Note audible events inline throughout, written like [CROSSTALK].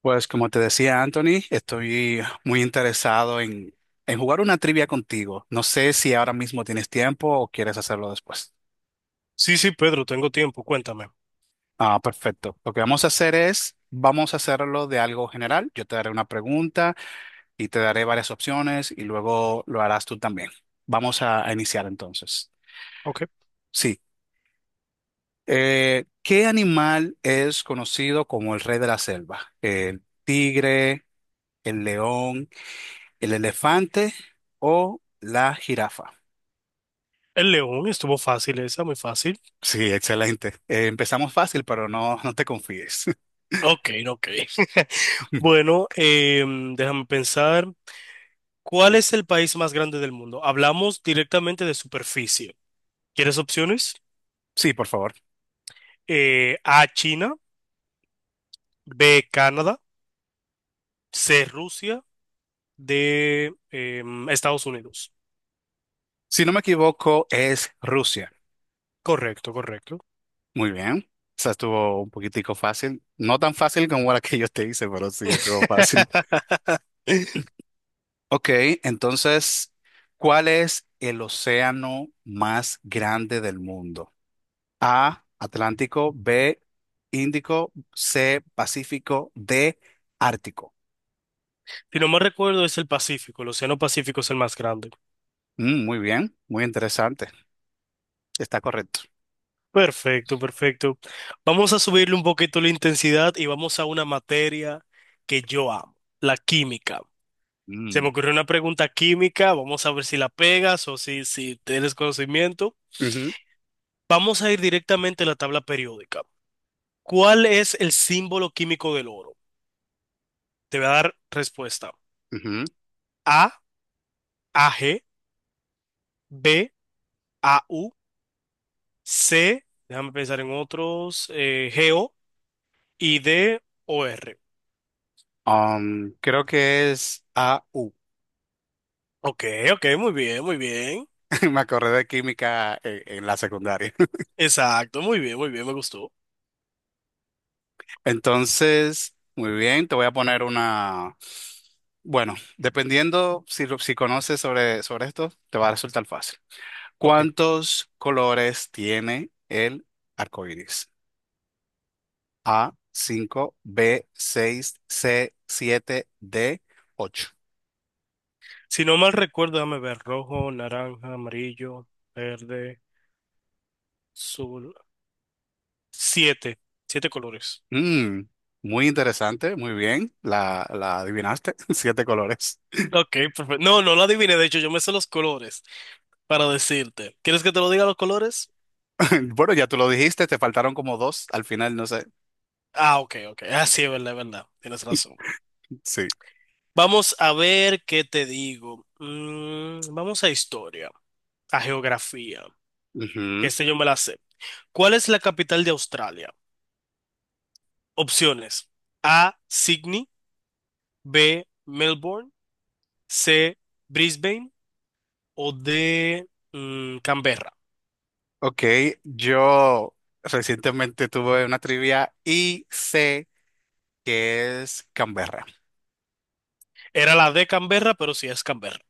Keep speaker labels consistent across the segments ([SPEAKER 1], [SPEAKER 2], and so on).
[SPEAKER 1] Pues como te decía Anthony, estoy muy interesado en jugar una trivia contigo. No sé si ahora mismo tienes tiempo o quieres hacerlo después.
[SPEAKER 2] Sí, sí, Pedro, tengo tiempo, cuéntame.
[SPEAKER 1] Ah, perfecto. Lo que vamos a hacer es, vamos a hacerlo de algo general. Yo te daré una pregunta y te daré varias opciones y luego lo harás tú también. Vamos a iniciar entonces.
[SPEAKER 2] Ok.
[SPEAKER 1] Sí. ¿Qué animal es conocido como el rey de la selva? ¿El tigre, el león, el elefante o la jirafa?
[SPEAKER 2] El león, estuvo fácil esa, muy fácil.
[SPEAKER 1] Sí, excelente. Empezamos fácil, pero no, no te confíes.
[SPEAKER 2] Ok, ok. [LAUGHS]
[SPEAKER 1] [LAUGHS]
[SPEAKER 2] Bueno, déjame pensar. ¿Cuál es el país más grande del mundo? Hablamos directamente de superficie. ¿Quieres opciones?
[SPEAKER 1] Sí, por favor.
[SPEAKER 2] A, China, B, Canadá, C, Rusia, D, Estados Unidos.
[SPEAKER 1] Si no me equivoco, es Rusia.
[SPEAKER 2] Correcto, correcto.
[SPEAKER 1] Muy bien. Esa estuvo un poquitico fácil. No tan fácil como la que yo te hice, pero sí estuvo fácil.
[SPEAKER 2] [LAUGHS]
[SPEAKER 1] Ok, entonces, ¿cuál es el océano más grande del mundo? A, Atlántico, B, Índico, C, Pacífico, D, Ártico.
[SPEAKER 2] Si no me recuerdo, es el Pacífico. El Océano Pacífico es el más grande.
[SPEAKER 1] Mm, muy bien, muy interesante. Está correcto.
[SPEAKER 2] Perfecto, perfecto. Vamos a subirle un poquito la intensidad y vamos a una materia que yo amo, la química. Se me
[SPEAKER 1] Mm,
[SPEAKER 2] ocurrió una pregunta química, vamos a ver si la pegas o si tienes conocimiento.
[SPEAKER 1] ujú,
[SPEAKER 2] Vamos a ir directamente a la tabla periódica. ¿Cuál es el símbolo químico del oro? Te voy a dar respuesta.
[SPEAKER 1] ujú.
[SPEAKER 2] A, AG, B, AU, C, déjame pensar en otros, GO y D, OR.
[SPEAKER 1] Creo que es A U.
[SPEAKER 2] Ok, ok, muy bien, muy bien.
[SPEAKER 1] [LAUGHS] Me acordé de química, la secundaria.
[SPEAKER 2] Exacto, muy bien, me gustó.
[SPEAKER 1] [LAUGHS] Entonces, muy bien, te voy a poner una. Bueno, dependiendo si, si conoces sobre esto, te va a resultar fácil.
[SPEAKER 2] Ok.
[SPEAKER 1] ¿Cuántos colores tiene el arco iris? A, 5, B, 6, C, 7, D, 8.
[SPEAKER 2] Si no mal recuerdo, déjame ver, rojo, naranja, amarillo, verde, azul. Siete, siete colores.
[SPEAKER 1] Mm, muy interesante, muy bien, la adivinaste, [LAUGHS] siete colores.
[SPEAKER 2] Ok, perfecto. No, no lo adiviné, de hecho, yo me sé los colores para decirte. ¿Quieres que te lo diga los colores?
[SPEAKER 1] [LAUGHS] Bueno, ya tú lo dijiste, te faltaron como dos al final, no sé.
[SPEAKER 2] Ah, ok, ok. Ah, sí, es verdad, es verdad. Tienes razón.
[SPEAKER 1] [LAUGHS] Sí.
[SPEAKER 2] Vamos a ver qué te digo. Mm, vamos a historia, a geografía.
[SPEAKER 1] Ujú.
[SPEAKER 2] Este yo me la sé. ¿Cuál es la capital de Australia? Opciones. A, Sydney. B, Melbourne, C, Brisbane o D, Canberra.
[SPEAKER 1] Ok, yo recientemente tuve una trivia y sé que es Canberra.
[SPEAKER 2] Era la de Canberra, pero sí es Canberra.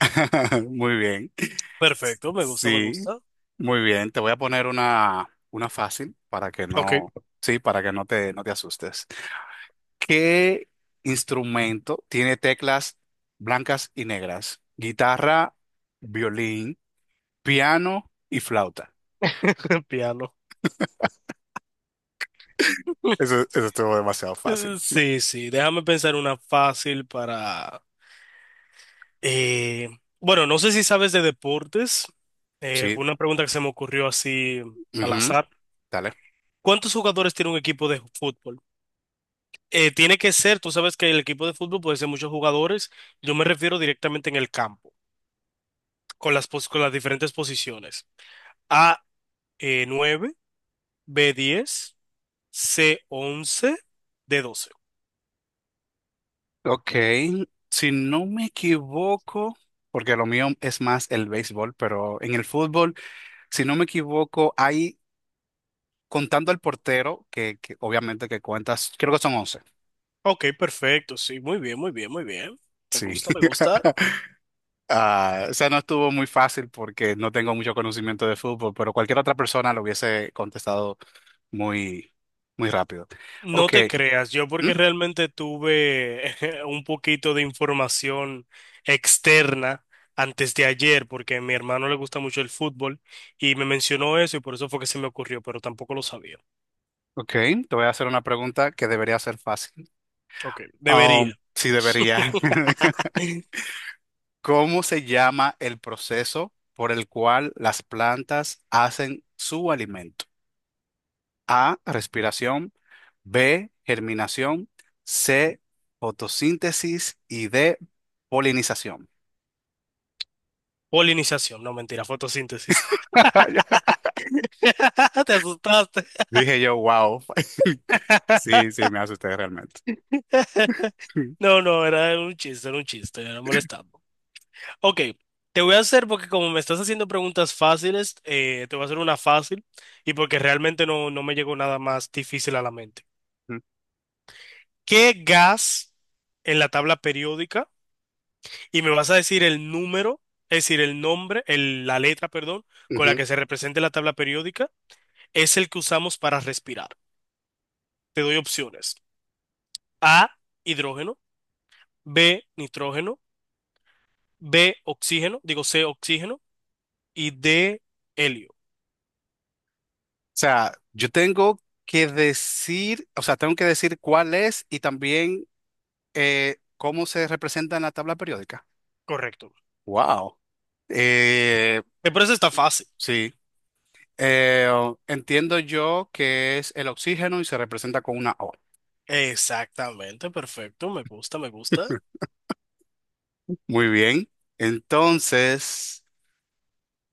[SPEAKER 1] [LAUGHS] Muy bien.
[SPEAKER 2] Perfecto, me gusta, me
[SPEAKER 1] Sí,
[SPEAKER 2] gusta.
[SPEAKER 1] muy bien. Te voy a poner una fácil para que
[SPEAKER 2] Ok,
[SPEAKER 1] no, sí, para que no te, no te asustes. ¿Qué instrumento tiene teclas blancas y negras? Guitarra, violín, piano y flauta.
[SPEAKER 2] [LAUGHS] piano.
[SPEAKER 1] Eso estuvo demasiado fácil.
[SPEAKER 2] Sí, sí, déjame pensar una fácil para... eh, bueno, no sé si sabes de deportes.
[SPEAKER 1] Sí,
[SPEAKER 2] Fue una pregunta que se me ocurrió así al
[SPEAKER 1] ujú,
[SPEAKER 2] azar.
[SPEAKER 1] dale.
[SPEAKER 2] ¿Cuántos jugadores tiene un equipo de fútbol? Tiene que ser, tú sabes que el equipo de fútbol puede ser muchos jugadores. Yo me refiero directamente en el campo, con las, pos- con las diferentes posiciones. A, nueve; B, diez; C, once; D, doce.
[SPEAKER 1] Ok, si no me equivoco, porque lo mío es más el béisbol, pero en el fútbol, si no me equivoco, hay, contando al portero, que obviamente que cuentas, creo que son once.
[SPEAKER 2] Ok, perfecto, sí, muy bien, muy bien, muy bien. Me
[SPEAKER 1] Sí.
[SPEAKER 2] gusta, me gusta.
[SPEAKER 1] [LAUGHS] Ah, o sea, no estuvo muy fácil porque no tengo mucho conocimiento de fútbol, pero cualquier otra persona lo hubiese contestado muy, muy rápido.
[SPEAKER 2] No
[SPEAKER 1] Ok,
[SPEAKER 2] te creas, yo
[SPEAKER 1] ¿mm?
[SPEAKER 2] porque realmente tuve [LAUGHS] un poquito de información externa antes de ayer, porque a mi hermano le gusta mucho el fútbol y me mencionó eso y por eso fue que se me ocurrió, pero tampoco lo sabía.
[SPEAKER 1] Ok, te voy a hacer una pregunta que debería ser fácil.
[SPEAKER 2] Ok, debería.
[SPEAKER 1] Sí, debería. [LAUGHS] ¿Cómo se llama el proceso por el cual las plantas hacen su alimento? A, respiración, B, germinación, C, fotosíntesis y D, polinización.
[SPEAKER 2] Polinización, no, mentira, fotosíntesis.
[SPEAKER 1] [LAUGHS]
[SPEAKER 2] [LAUGHS] Te asustaste.
[SPEAKER 1] Dije yo, wow. [LAUGHS] Sí,
[SPEAKER 2] [LAUGHS]
[SPEAKER 1] sí, me asusté realmente.
[SPEAKER 2] [LAUGHS]
[SPEAKER 1] [LAUGHS]
[SPEAKER 2] No, no, era un chiste, era un chiste, era molestando. Ok, te voy a hacer, porque como me estás haciendo preguntas fáciles, te voy a hacer una fácil y porque realmente no me llegó nada más difícil a la mente. ¿Qué gas en la tabla periódica? Y me vas a decir el número, es decir, el nombre, el- la letra, perdón, con la
[SPEAKER 1] Ujú. O
[SPEAKER 2] que se representa la tabla periódica, es el que usamos para respirar. Te doy opciones. A, hidrógeno; B, nitrógeno; B, oxígeno, digo C, oxígeno, y de helio.
[SPEAKER 1] sea, yo tengo que decir, o sea, tengo que decir cuál es y también ¿cómo se representa en la tabla periódica?
[SPEAKER 2] Correcto.
[SPEAKER 1] Wow. Eh,
[SPEAKER 2] Me parece está fácil.
[SPEAKER 1] sí. Eh, Entiendo yo que es el oxígeno y se representa con una O.
[SPEAKER 2] Exactamente, perfecto. Me gusta, me gusta.
[SPEAKER 1] Muy bien. Entonces,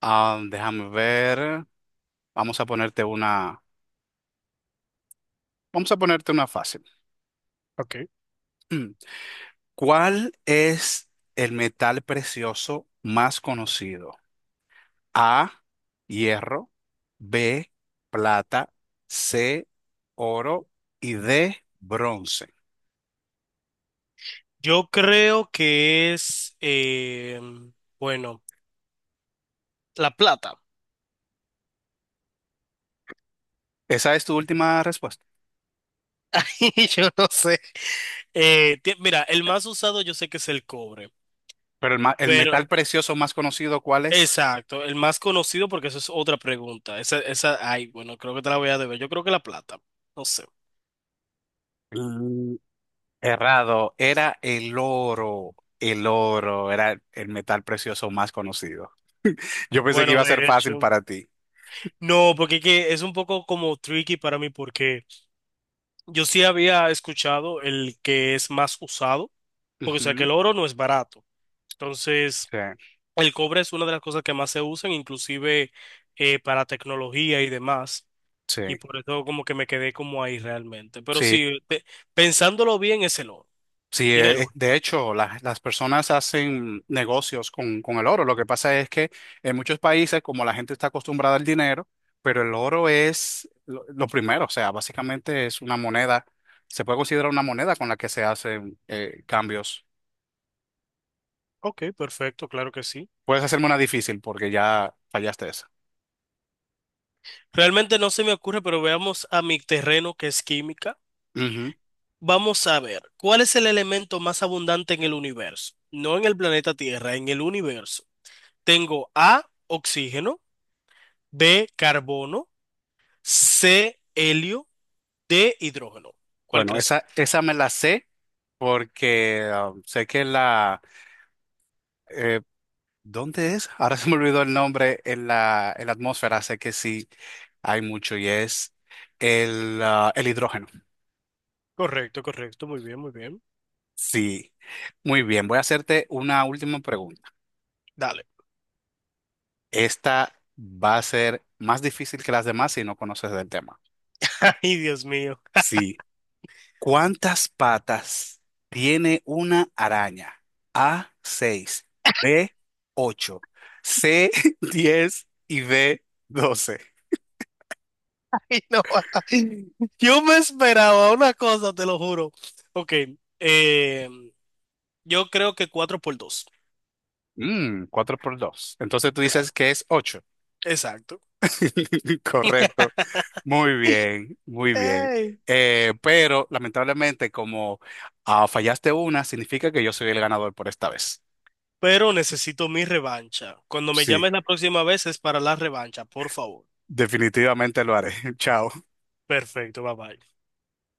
[SPEAKER 1] ah, déjame ver. Vamos a ponerte una, vamos a ponerte una fácil.
[SPEAKER 2] Ok.
[SPEAKER 1] [CLEARS THROAT] ¿Cuál es el metal precioso más conocido? A, hierro, B, plata, C, oro y D, bronce.
[SPEAKER 2] Yo creo que es, bueno, la plata.
[SPEAKER 1] Esa es tu última respuesta.
[SPEAKER 2] [LAUGHS] Yo no sé. Ti- mira, el más usado yo sé que es el cobre,
[SPEAKER 1] Pero el, el
[SPEAKER 2] pero
[SPEAKER 1] metal precioso más conocido, ¿cuál es?
[SPEAKER 2] exacto, el más conocido porque eso es otra pregunta. Esa, ay, bueno, creo que te la voy a deber. Yo creo que la plata, no sé.
[SPEAKER 1] Mm, errado, era el oro. El oro era el metal precioso más conocido. Yo pensé que
[SPEAKER 2] Bueno,
[SPEAKER 1] iba a
[SPEAKER 2] de
[SPEAKER 1] ser fácil
[SPEAKER 2] hecho,
[SPEAKER 1] para ti.
[SPEAKER 2] no, porque es que es un poco como tricky para mí porque yo sí había escuchado el que es más usado, porque o sea que
[SPEAKER 1] Ujú,
[SPEAKER 2] el oro no es barato. Entonces,
[SPEAKER 1] sí,
[SPEAKER 2] el cobre es una de las cosas que más se usan, inclusive para tecnología y demás.
[SPEAKER 1] sí,
[SPEAKER 2] Y por eso como que me quedé como ahí realmente. Pero
[SPEAKER 1] sí.
[SPEAKER 2] sí, pe- pensándolo bien, es el oro.
[SPEAKER 1] Sí,
[SPEAKER 2] Tiene
[SPEAKER 1] de
[SPEAKER 2] lógica.
[SPEAKER 1] hecho, las personas hacen negocios con el oro. Lo que pasa es que en muchos países, como la gente está acostumbrada al dinero, pero el oro es lo primero, o sea, básicamente es una moneda, se puede considerar una moneda con la que se hacen cambios.
[SPEAKER 2] Ok, perfecto, claro que sí.
[SPEAKER 1] Puedes hacerme una difícil porque ya fallaste esa.
[SPEAKER 2] Realmente no se me ocurre, pero veamos a mi terreno que es química.
[SPEAKER 1] Ujú.
[SPEAKER 2] Vamos a ver, ¿cuál es el elemento más abundante en el universo? No en el planeta Tierra, en el universo. Tengo A, oxígeno; B, carbono; C, helio; D, hidrógeno. ¿Cuál
[SPEAKER 1] Bueno,
[SPEAKER 2] crees tú?
[SPEAKER 1] esa me la sé porque ah, sé que la, eh, ¿dónde es? Ahora [LAUGHS] se me olvidó el nombre en la atmósfera, sé que sí hay mucho y es el, ah, el hidrógeno.
[SPEAKER 2] Correcto, correcto, muy bien, muy bien.
[SPEAKER 1] Sí, muy bien, voy a hacerte una última pregunta.
[SPEAKER 2] Dale.
[SPEAKER 1] Esta va a ser más difícil que las demás si no conoces del tema.
[SPEAKER 2] [LAUGHS] Ay, Dios mío.
[SPEAKER 1] Sí, ¿cuántas patas tiene una araña? A, 6, B, 8, C, [LAUGHS] 10 y D, 12.
[SPEAKER 2] Ay, no. [LAUGHS] Yo me esperaba una cosa, te lo juro. Ok, eh, yo creo que 4 por 2.
[SPEAKER 1] Mm, 4 por 2. Entonces tú dices
[SPEAKER 2] Claro,
[SPEAKER 1] que es 8.
[SPEAKER 2] exacto.
[SPEAKER 1] [LAUGHS] Correcto. Muy bien, muy bien.
[SPEAKER 2] Ey,
[SPEAKER 1] Pero lamentablemente, como ah, fallaste una, significa que yo soy el ganador por esta vez.
[SPEAKER 2] pero necesito mi revancha. Cuando me
[SPEAKER 1] Sí,
[SPEAKER 2] llames la próxima vez es para la revancha, por favor.
[SPEAKER 1] definitivamente lo haré. [LAUGHS] Chao.
[SPEAKER 2] Perfecto, bye bye.